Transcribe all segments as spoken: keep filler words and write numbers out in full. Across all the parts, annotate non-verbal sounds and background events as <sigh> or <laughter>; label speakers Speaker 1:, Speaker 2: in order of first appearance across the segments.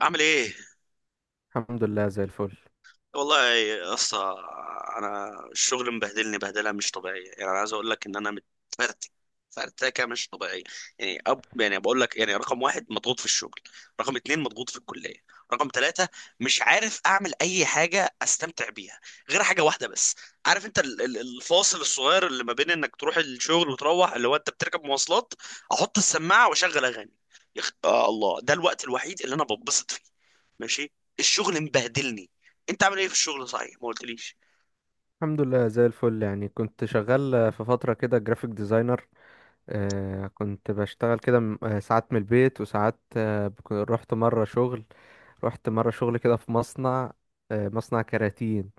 Speaker 1: عامل ايه؟
Speaker 2: الحمد لله زي الفل.
Speaker 1: والله يا اسطى، انا الشغل مبهدلني بهدله مش طبيعيه. يعني انا عايز اقول لك ان انا متفرتك، فرتكه مش طبيعيه. يعني أب يعني بقول لك، يعني رقم واحد مضغوط في الشغل، رقم اتنين مضغوط في الكليه، رقم ثلاثة مش عارف اعمل اي حاجه استمتع بيها غير حاجه واحده بس. عارف انت ال- ال- الفاصل الصغير اللي ما بين انك تروح الشغل وتروح، اللي هو انت بتركب مواصلات، احط السماعه واشغل اغاني. يخ... آه الله ده الوقت الوحيد اللي انا ببسط فيه. ماشي، الشغل مبهدلني. انت عامل ايه في الشغل صحيح؟ ما قلتليش.
Speaker 2: الحمد لله زي الفل، يعني كنت شغال في فترة كده جرافيك ديزاينر. آه كنت بشتغل كده، م- آه، ساعات من البيت وساعات آه بك- رحت مرة شغل رحت مرة شغل كده في مصنع. آه مصنع كراتين.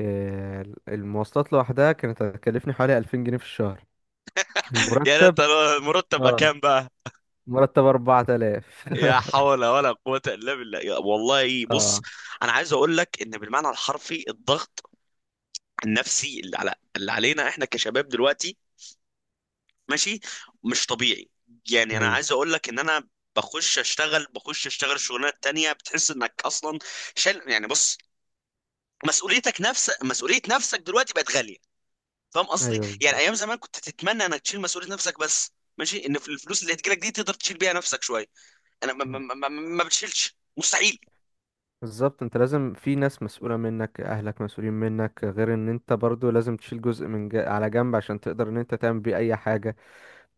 Speaker 2: آه المواصلات لوحدها كانت هتكلفني حوالي ألفين جنيه في الشهر.
Speaker 1: <laughs> يعني
Speaker 2: المرتب.
Speaker 1: انت مرتب
Speaker 2: اه،
Speaker 1: كام بقى؟
Speaker 2: مرتب أربعة آلاف.
Speaker 1: يا
Speaker 2: <laughs>
Speaker 1: حول ولا قوة الا بالله، يا والله بص،
Speaker 2: اه،
Speaker 1: انا عايز اقول لك ان بالمعنى الحرفي الضغط النفسي اللي على، اللي علينا احنا كشباب دلوقتي، ماشي، مش طبيعي. يعني انا
Speaker 2: ايوه.
Speaker 1: عايز اقول لك ان انا بخش اشتغل، بخش اشتغل شغلانات تانية، بتحس انك اصلا شل. يعني بص، مسؤوليتك نفس مسؤولية نفسك دلوقتي بقت غالية. فاهم قصدي؟
Speaker 2: ايوه
Speaker 1: يعني
Speaker 2: بالظبط.
Speaker 1: ايام زمان كنت تتمنى انك تشيل مسؤوليه نفسك بس، ماشي، ان في الفلوس اللي هتجيلك دي تقدر تشيل بيها نفسك شويه. انا ما, ما, ما, ما بتشيلش مستحيل.
Speaker 2: بالظبط انت لازم، في ناس مسؤولة منك، اهلك مسؤولين منك، غير ان انت برضو لازم تشيل جزء من جا... على جنب عشان تقدر ان انت تعمل بيه اي حاجة.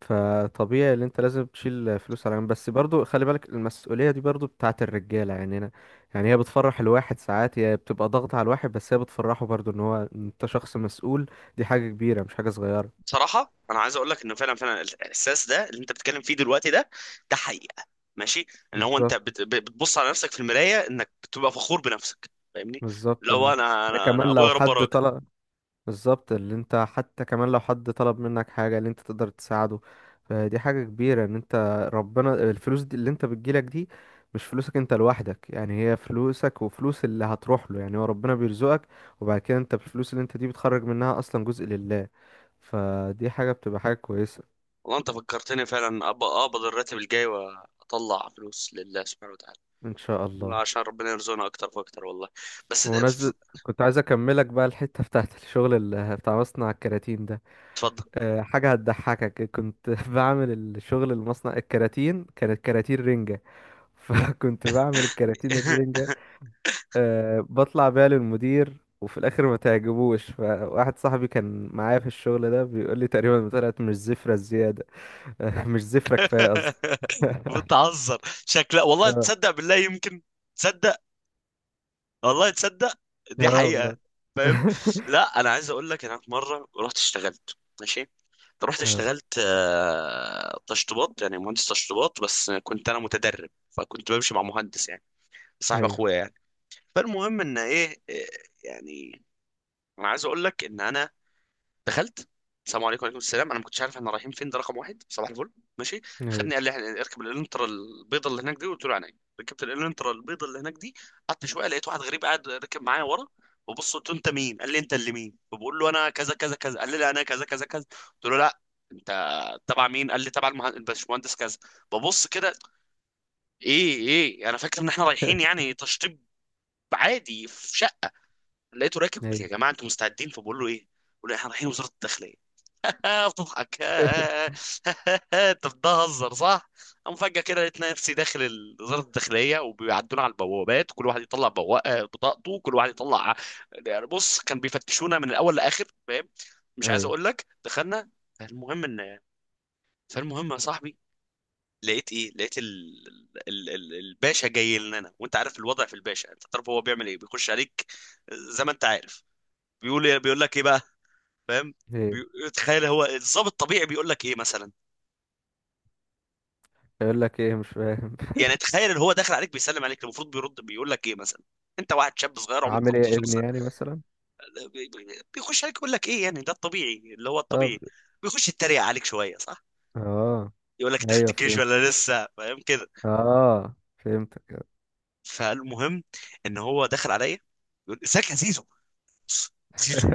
Speaker 2: فطبيعي ان انت لازم تشيل فلوس على جنب، بس برضو خلي بالك المسؤولية دي برضو بتاعت الرجالة، يعني انا، يعني هي بتفرح الواحد ساعات، هي بتبقى ضغط على الواحد بس هي بتفرحه برضو، ان هو انت شخص مسؤول. دي حاجة كبيرة مش حاجة صغيرة.
Speaker 1: بصراحه انا عايز اقول لك انه فعلا فعلا الاحساس ده اللي انت بتتكلم فيه دلوقتي ده، ده حقيقه. ماشي، ان هو انت
Speaker 2: بالظبط.
Speaker 1: بت ب- بتبص على نفسك في المرايه انك بتبقى فخور بنفسك. فاهمني؟
Speaker 2: بالظبط
Speaker 1: لو
Speaker 2: ان
Speaker 1: انا
Speaker 2: ان
Speaker 1: انا انا
Speaker 2: كمان لو
Speaker 1: ابويا ربى
Speaker 2: حد
Speaker 1: راجل.
Speaker 2: طلع، بالظبط اللي انت، حتى كمان لو حد طلب منك حاجة اللي انت تقدر تساعده، فدي حاجة كبيرة ان انت، ربنا الفلوس دي اللي انت بتجيلك دي مش فلوسك انت لوحدك، يعني هي فلوسك وفلوس اللي هتروح له، يعني هو ربنا بيرزقك. وبعد كده انت بالفلوس اللي انت دي بتخرج منها اصلا جزء لله، فدي حاجة بتبقى حاجة كويسة.
Speaker 1: والله انت فكرتني فعلا، أب- اقبض الراتب الجاي واطلع فلوس لله سبحانه وتعالى،
Speaker 2: ان شاء الله.
Speaker 1: عشان ربنا يرزقنا اكتر فاكتر والله. بس ده-.
Speaker 2: بمناسبة، كنت عايز اكملك بقى الحتة <laughs> بتاعت الشغل اللي <laughs> بتاع مصنع الكراتين ده.
Speaker 1: اتفضل.
Speaker 2: أه، حاجة هتضحكك، كنت <laughs> بعمل الشغل المصنع الكراتين، كانت كراتين رنجة. <laughs> فكنت بعمل الكراتين
Speaker 1: <laughs>
Speaker 2: الرنجة. أه، بطلع بيها للمدير وفي الآخر ما تعجبوش. فواحد صاحبي كان معايا في الشغل ده بيقول لي تقريبا طلعت مش زفرة زيادة. <laughs> أه، مش زفرة كفاية قصدي.
Speaker 1: <laughs>
Speaker 2: <laughs>
Speaker 1: بتهزر شكلها، والله
Speaker 2: اه.
Speaker 1: تصدق بالله يمكن، تصدق، والله تصدق، دي
Speaker 2: اه والله.
Speaker 1: حقيقة. فاهم؟
Speaker 2: <laughs>
Speaker 1: لا انا عايز اقول لك، انا في مرة رحت اشتغلت، ماشي، رحت
Speaker 2: اه،
Speaker 1: اشتغلت آه، تشطيبات، يعني مهندس تشطيبات، بس كنت انا متدرب، فكنت بمشي مع مهندس، يعني صاحب
Speaker 2: ايوه.
Speaker 1: اخويا يعني. فالمهم ان ايه إيه، يعني انا عايز اقول لك ان انا دخلت. السلام عليكم، وعليكم السلام. انا ما كنتش عارف احنا رايحين فين، ده رقم واحد. صباح الفل، ماشي، خدني.
Speaker 2: ايوه.
Speaker 1: قال لي احنا اركب الالنترا البيضه اللي هناك دي، قلت له عينيا. ركبت الالنترا البيضه اللي هناك دي، قعدت شويه، لقيت واحد غريب قاعد ركب معايا ورا. وبص قلت له انت مين، قال لي انت اللي مين؟ فبقول له انا كذا كذا كذا، قال لي لا انا كذا كذا كذا. قلت له لا، انت تبع مين؟ قال لي تبع المه- الباشمهندس كذا. ببص كده، ايه ايه؟ انا فاكر ان احنا رايحين يعني تشطيب عادي في شقه، لقيته راكب. قلت
Speaker 2: ايوه.
Speaker 1: يا جماعه انتوا مستعدين؟ فبقول له ايه، بقول له احنا رايحين وزاره الداخليه. <laughs> بتضحك؟ <laughs> انت بتهزر صح؟ قام فجأة كده لقيت نفسي داخل ال- وزارة الداخلية، وبيعدونا على البوابات، كل واحد يطلع بواقة بطاقته، كل واحد يطلع يعني، بص كان بيفتشونا من الأول لآخر. فاهم؟ مش عايز
Speaker 2: ايوه.
Speaker 1: أقول لك، دخلنا. فالمهم إن، فالمهم يا صاحبي لقيت ايه، لقيت ال... ال... ال... الباشا جاي لنا. وانت عارف الوضع في الباشا، انت تعرف هو بيعمل ايه، بيخش عليك زي ما انت عارف، بيقول إيه؟ بيقول لك ايه بقى، فاهم؟
Speaker 2: ايوه.
Speaker 1: بي- تخيل هو الضابط الطبيعي بيقول لك ايه مثلا،
Speaker 2: يقول لك ايه؟ مش فاهم.
Speaker 1: يعني
Speaker 2: <laughs>
Speaker 1: تخيل ان هو داخل عليك بيسلم عليك، المفروض بيرد بيقول لك ايه مثلا، انت واحد شاب صغير عمرك
Speaker 2: عامل ايه يا
Speaker 1: تمنتاشر
Speaker 2: ابني،
Speaker 1: سنه.
Speaker 2: يعني مثلا.
Speaker 1: بي- بي- بيخش عليك يقول لك ايه؟ يعني ده الطبيعي، اللي هو
Speaker 2: اه ب-
Speaker 1: الطبيعي بيخش يتريق عليك شويه، صح؟
Speaker 2: اه.
Speaker 1: يقول لك انت خدت
Speaker 2: ايوه،
Speaker 1: الجيش
Speaker 2: فهمت.
Speaker 1: ولا لسه، فاهم كده؟
Speaker 2: اه، فهمتك.
Speaker 1: فالمهم ان هو داخل عليا، بيقول ازيك يا زيزو. زيزو!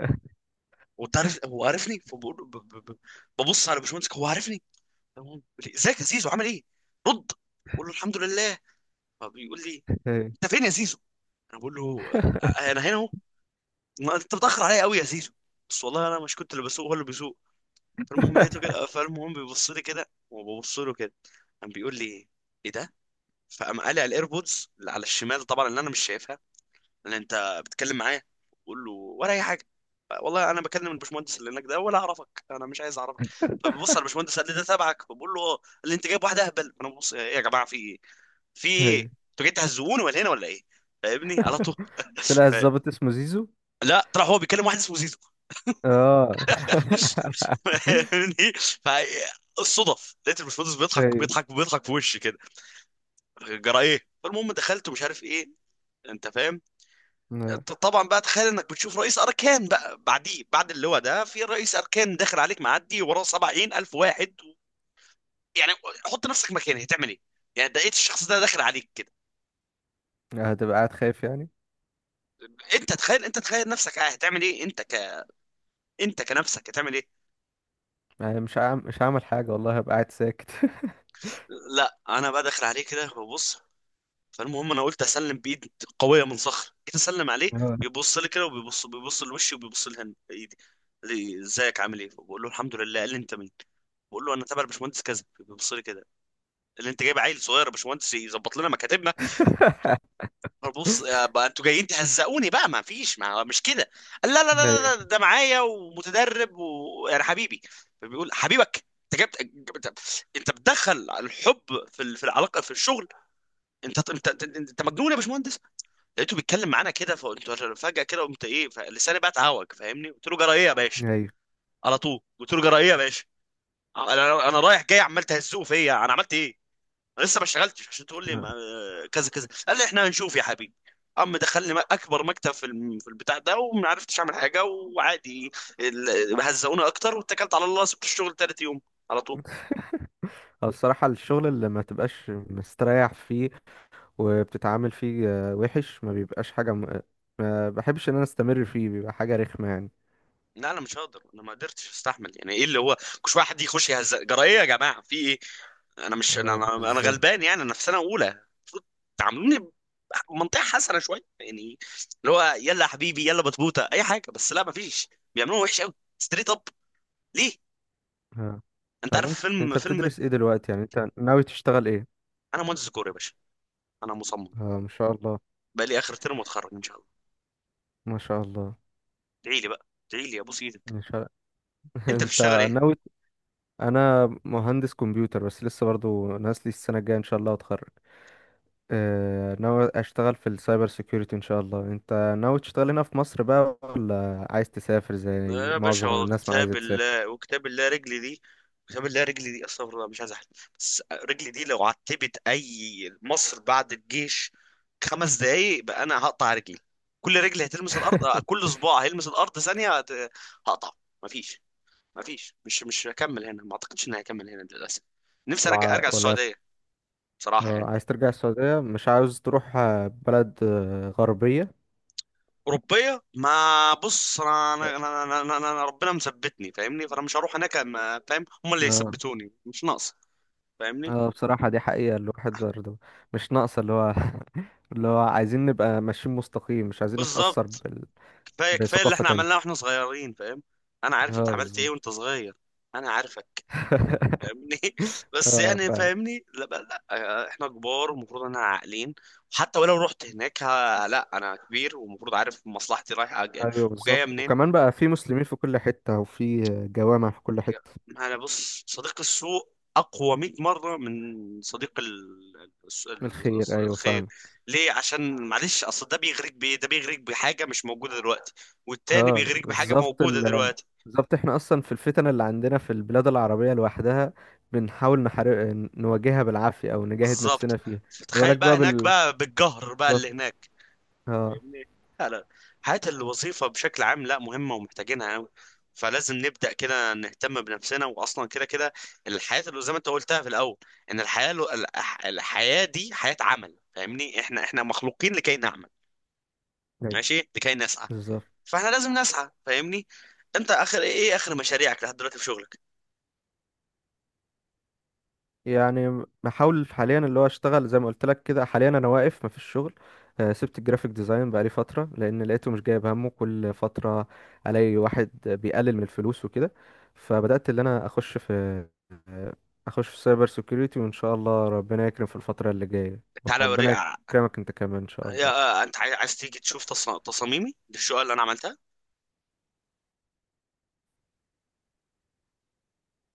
Speaker 1: وانت عارف هو عارفني، فبقول ب- ب- ب- ببص على باشمهندس، هو عارفني، تمام. بيقول لي ازيك يا زيزو، عامل ايه؟ رد، بقول له الحمد لله. فبيقول لي
Speaker 2: <laughs> ايوه.
Speaker 1: انت فين يا زيزو؟ انا بقول له
Speaker 2: <laughs>
Speaker 1: انا هنا. ما انت بتأخر عليا قوي يا زيزو. بس والله انا مش كنت اللي بسوق، هو اللي بيسوق. فالمهم لقيته كده، فالمهم بيبص لي كده، وببص له كده. قام بيقول لي ايه ده؟ فقام قالع الايربودز اللي على الشمال، طبعا اللي انا مش شايفها اللي انت بتتكلم معايا. بقول له ولا اي حاجه، والله انا بكلم الباشمهندس اللي هناك ده، ولا اعرفك، انا مش عايز اعرفك. فبيبص على الباشمهندس، قال لي ده تبعك؟ فبقول له اه، قال لي انت جايب واحده اهبل. انا ببص، ايه يا جماعه في ايه؟ في ايه؟
Speaker 2: ايوه.
Speaker 1: انتوا جايين تهزقوني ولا هنا ولا ايه؟ فاهمني على طول.
Speaker 2: طلع
Speaker 1: <laughs> ف-
Speaker 2: الظابط اسمه زيزو.
Speaker 1: لا، طلع هو بيكلم واحد اسمه زيزو،
Speaker 2: اه. <laughs>
Speaker 1: فاهمني. فالصدف لقيت الباشمهندس بيضحك
Speaker 2: ايوه.
Speaker 1: بيضحك بيضحك في وشي كده، جرى ايه؟ فالمهم دخلت ومش عارف ايه، انت فاهم.
Speaker 2: آه.
Speaker 1: انت طبعا بقى تخيل انك بتشوف رئيس اركان بقى بعديه، بعد اللواء ده في رئيس اركان داخل عليك، معدي وراه سبعين الف واحد و... يعني حط نفسك مكانه، هتعمل ايه؟ يعني ده لقيت الشخص ده داخل عليك كده.
Speaker 2: هتبقى قاعد خايف يعني.
Speaker 1: انت تخيل، انت تخيل نفسك، اه هتعمل ايه؟ انت ك، انت كنفسك هتعمل ايه؟
Speaker 2: يعني مش هعمل، مش هعمل حاجة والله، هبقى قاعد ساكت.
Speaker 1: لا انا بقى داخل عليه كده ببص. فالمهم انا قلت اسلم بايد قويه من صخر، جيت اسلم عليه.
Speaker 2: اه.
Speaker 1: بيبص لي كده، وبيبص بيبص لوشي، وبيبص لهن ايدي. قال لي ازيك عامل ايه؟ بقول له الحمد لله. قال لي انت مين؟ بقول له انا تبع الباشمهندس كذا. بيبص لي كده، اللي انت جايب عيل صغير يا باشمهندس يظبط لنا مكاتبنا؟
Speaker 2: <laughs>
Speaker 1: بص بقى انتوا جايين تهزقوني بقى، ما فيش، ما مش كده. قال لا لا لا
Speaker 2: ايوه.
Speaker 1: لا، ده معايا ومتدرب، ويعني حبيبي. فبيقول حبيبك؟ انت جبت جبت- انت بتدخل الحب في ال- في العلاقه في الشغل؟ انت انت انت, انت مجنون يا باشمهندس. لقيته بيتكلم معانا كده، فقلت له-. فجأة كده قمت ايه، فلساني بقى اتعوج، فاهمني؟ قلت له جرى ايه يا باشا؟
Speaker 2: ايوه.
Speaker 1: على طول قلت له جرى ايه يا باشا؟ انا انا رايح جاي عمال تهزقه فيا، انا عملت ايه؟ انا لسه ما اشتغلتش عشان تقول لي
Speaker 2: آه.
Speaker 1: ما- آه، كذا كذا. قال لي احنا هنشوف يا حبيبي. عم دخلني م- اكبر مكتب في الم- في البتاع ده، وما عرفتش اعمل حاجه، وعادي ال- هزقوني اكتر، واتكلت على الله، سبت الشغل تالت يوم على طول.
Speaker 2: هو الصراحة الشغل اللي ما تبقاش مستريح فيه وبتتعامل فيه آه، وحش، ما بيبقاش حاجة م... ما بحبش ان انا استمر فيه، بيبقى حاجة رخمة يعني.
Speaker 1: لا انا مش هقدر، انا ما قدرتش استحمل. يعني ايه اللي هو كل شويه حد يخش يهز جرايه، يا جماعه في ايه؟ انا مش انا
Speaker 2: اه
Speaker 1: انا أنا
Speaker 2: بالظبط.
Speaker 1: غلبان، يعني انا في سنه اولى، المفروض تعاملوني بمنطقه حسنه شويه. يعني اللي هو يلا يا حبيبي يلا بطبوطه اي حاجه، بس لا، ما فيش، بيعملوها وحش قوي. ستريت اب، ليه؟
Speaker 2: اه.
Speaker 1: انت
Speaker 2: طب
Speaker 1: عارف
Speaker 2: انت،
Speaker 1: فيلم
Speaker 2: انت
Speaker 1: فيلم.
Speaker 2: بتدرس ايه دلوقتي؟ يعني انت ناوي تشتغل ايه؟
Speaker 1: انا مهندس ديكور يا باشا، انا مصمم،
Speaker 2: اه، ما شاء الله.
Speaker 1: بقى لي اخر ترم واتخرج ان شاء الله.
Speaker 2: ما شاء الله.
Speaker 1: ادعي لي بقى، ادعي لي يا ابو سيدك.
Speaker 2: ما شاء.
Speaker 1: انت
Speaker 2: انت
Speaker 1: بتشتغل ايه؟
Speaker 2: ناوي. انا مهندس كمبيوتر بس لسه برضو ناقص لي السنه الجايه ان شاء الله واتخرج. اه، ناوي اشتغل في السايبر سيكيورتي ان شاء الله. انت ناوي تشتغل هنا في مصر بقى ولا عايز تسافر زي
Speaker 1: لا يا باشا،
Speaker 2: معظم
Speaker 1: هو
Speaker 2: الناس ما عايزه
Speaker 1: كتاب
Speaker 2: تسافر؟
Speaker 1: الله وكتاب الله رجلي دي، كتاب الله رجلي دي، استغفر الله مش عايز احلف، بس رجلي دي لو عتبت اي مصر بعد الجيش خمس دقايق بقى، انا هقطع رجلي. كل رجل هتلمس الارض، آه،
Speaker 2: <laughs>
Speaker 1: كل صباع هيلمس الارض ثانيه هت- هقطع. مفيش، مفيش، مش مش هكمل هنا، ما اعتقدش اني هكمل هنا للاسف. نفسي
Speaker 2: ولا
Speaker 1: ارجع،
Speaker 2: ع-
Speaker 1: ارجع
Speaker 2: ولا،
Speaker 1: السعوديه، بصراحه
Speaker 2: اه،
Speaker 1: يعني.
Speaker 2: عايز ترجع السعوديه؟ مش عاوز تروح اه، بلد اه، غربيه؟
Speaker 1: اوروبيه؟ ما بص، انا انا انا, أنا, أنا, أنا أنا ربنا مثبتني، فاهمني؟ فانا مش هروح هناك، أما- فاهم؟ هم اللي
Speaker 2: اه.
Speaker 1: يثبتوني، مش ناقص. فاهمني؟
Speaker 2: اه، بصراحة دي حقيقة الواحد برضه مش ناقصة، اللي هو <laughs> اللي هو عايزين نبقى ماشيين مستقيم، مش عايزين نتأثر
Speaker 1: بالظبط.
Speaker 2: بال...
Speaker 1: كفايه كفايه اللي
Speaker 2: بثقافة
Speaker 1: احنا عملناه
Speaker 2: تانية.
Speaker 1: واحنا صغيرين، فاهم؟ انا عارف انت
Speaker 2: اه
Speaker 1: عملت
Speaker 2: بالظبط.
Speaker 1: ايه وانت صغير، انا عارفك.
Speaker 2: <laughs>
Speaker 1: فاهمني؟ <laughs> بس
Speaker 2: اه
Speaker 1: يعني
Speaker 2: فاهم.
Speaker 1: فاهمني؟ لا بقى لا، آه، احنا كبار ومفروض انا عاقلين. وحتى ولو رحت هناك ها، لا انا كبير، ومفروض عارف مصلحتي رايحه جا-
Speaker 2: ايوه بالظبط،
Speaker 1: وجايه منين.
Speaker 2: وكمان بقى في مسلمين في كل حتة، وفي جوامع في كل حتة.
Speaker 1: ما انا بص، صديق السوء اقوى مية مره من صديق ال- الس-
Speaker 2: من الخير،
Speaker 1: ال-
Speaker 2: ايوه
Speaker 1: الخير.
Speaker 2: فاهم.
Speaker 1: ليه؟ عشان معلش، اصل ده بيغريك بايه؟ ده بيغريك بحاجه مش موجوده دلوقتي، والتاني
Speaker 2: اه
Speaker 1: بيغريك بحاجه
Speaker 2: بالظبط
Speaker 1: موجوده
Speaker 2: ال...
Speaker 1: دلوقتي.
Speaker 2: بالظبط احنا اصلا في الفتن اللي عندنا في البلاد العربية لوحدها، بنحاول نحارب، نواجهها بالعافية، او نجاهد
Speaker 1: بالظبط.
Speaker 2: نفسنا فيها. ما
Speaker 1: فتخيل
Speaker 2: بالك
Speaker 1: بقى
Speaker 2: بقى
Speaker 1: هناك
Speaker 2: بال
Speaker 1: بقى بالجهر بقى
Speaker 2: بالظبط.
Speaker 1: اللي هناك.
Speaker 2: اه.
Speaker 1: فاهمني؟ لا لا، حياة الوظيفة بشكل عام، لا مهمة ومحتاجينها أوي، فلازم نبدأ كده نهتم بنفسنا. وأصلا كده كده الحياة، اللي زي ما أنت قلتها في الأول، إن الحياة لو- الح- الحياة دي حياة عمل، فاهمني؟ إحنا إحنا مخلوقين لكي نعمل،
Speaker 2: أيوة.
Speaker 1: ماشي، لكي نسعى.
Speaker 2: بالظبط.
Speaker 1: فإحنا لازم نسعى، فاهمني؟ أنت آخر إيه، آخر مشاريعك لحد دلوقتي في شغلك؟
Speaker 2: يعني بحاول حاليا اللي هو اشتغل زي ما قلت لك كده. حاليا انا واقف مفيش شغل. آه، سبت الجرافيك ديزاين بقالي فترة لان لقيته مش جايب همه. كل فترة الاقي واحد بيقلل من الفلوس وكده. فبدأت اللي انا اخش في آه، اخش في سايبر سيكيورتي، وان شاء الله ربنا يكرم في الفترة اللي جاية.
Speaker 1: تعالى أوريك.
Speaker 2: ربنا يكرمك انت كمان ان شاء
Speaker 1: يا-،
Speaker 2: الله.
Speaker 1: آه، أنت عايز تيجي تشوف تص- تصاميمي دي، الشقة اللي أنا عملتها؟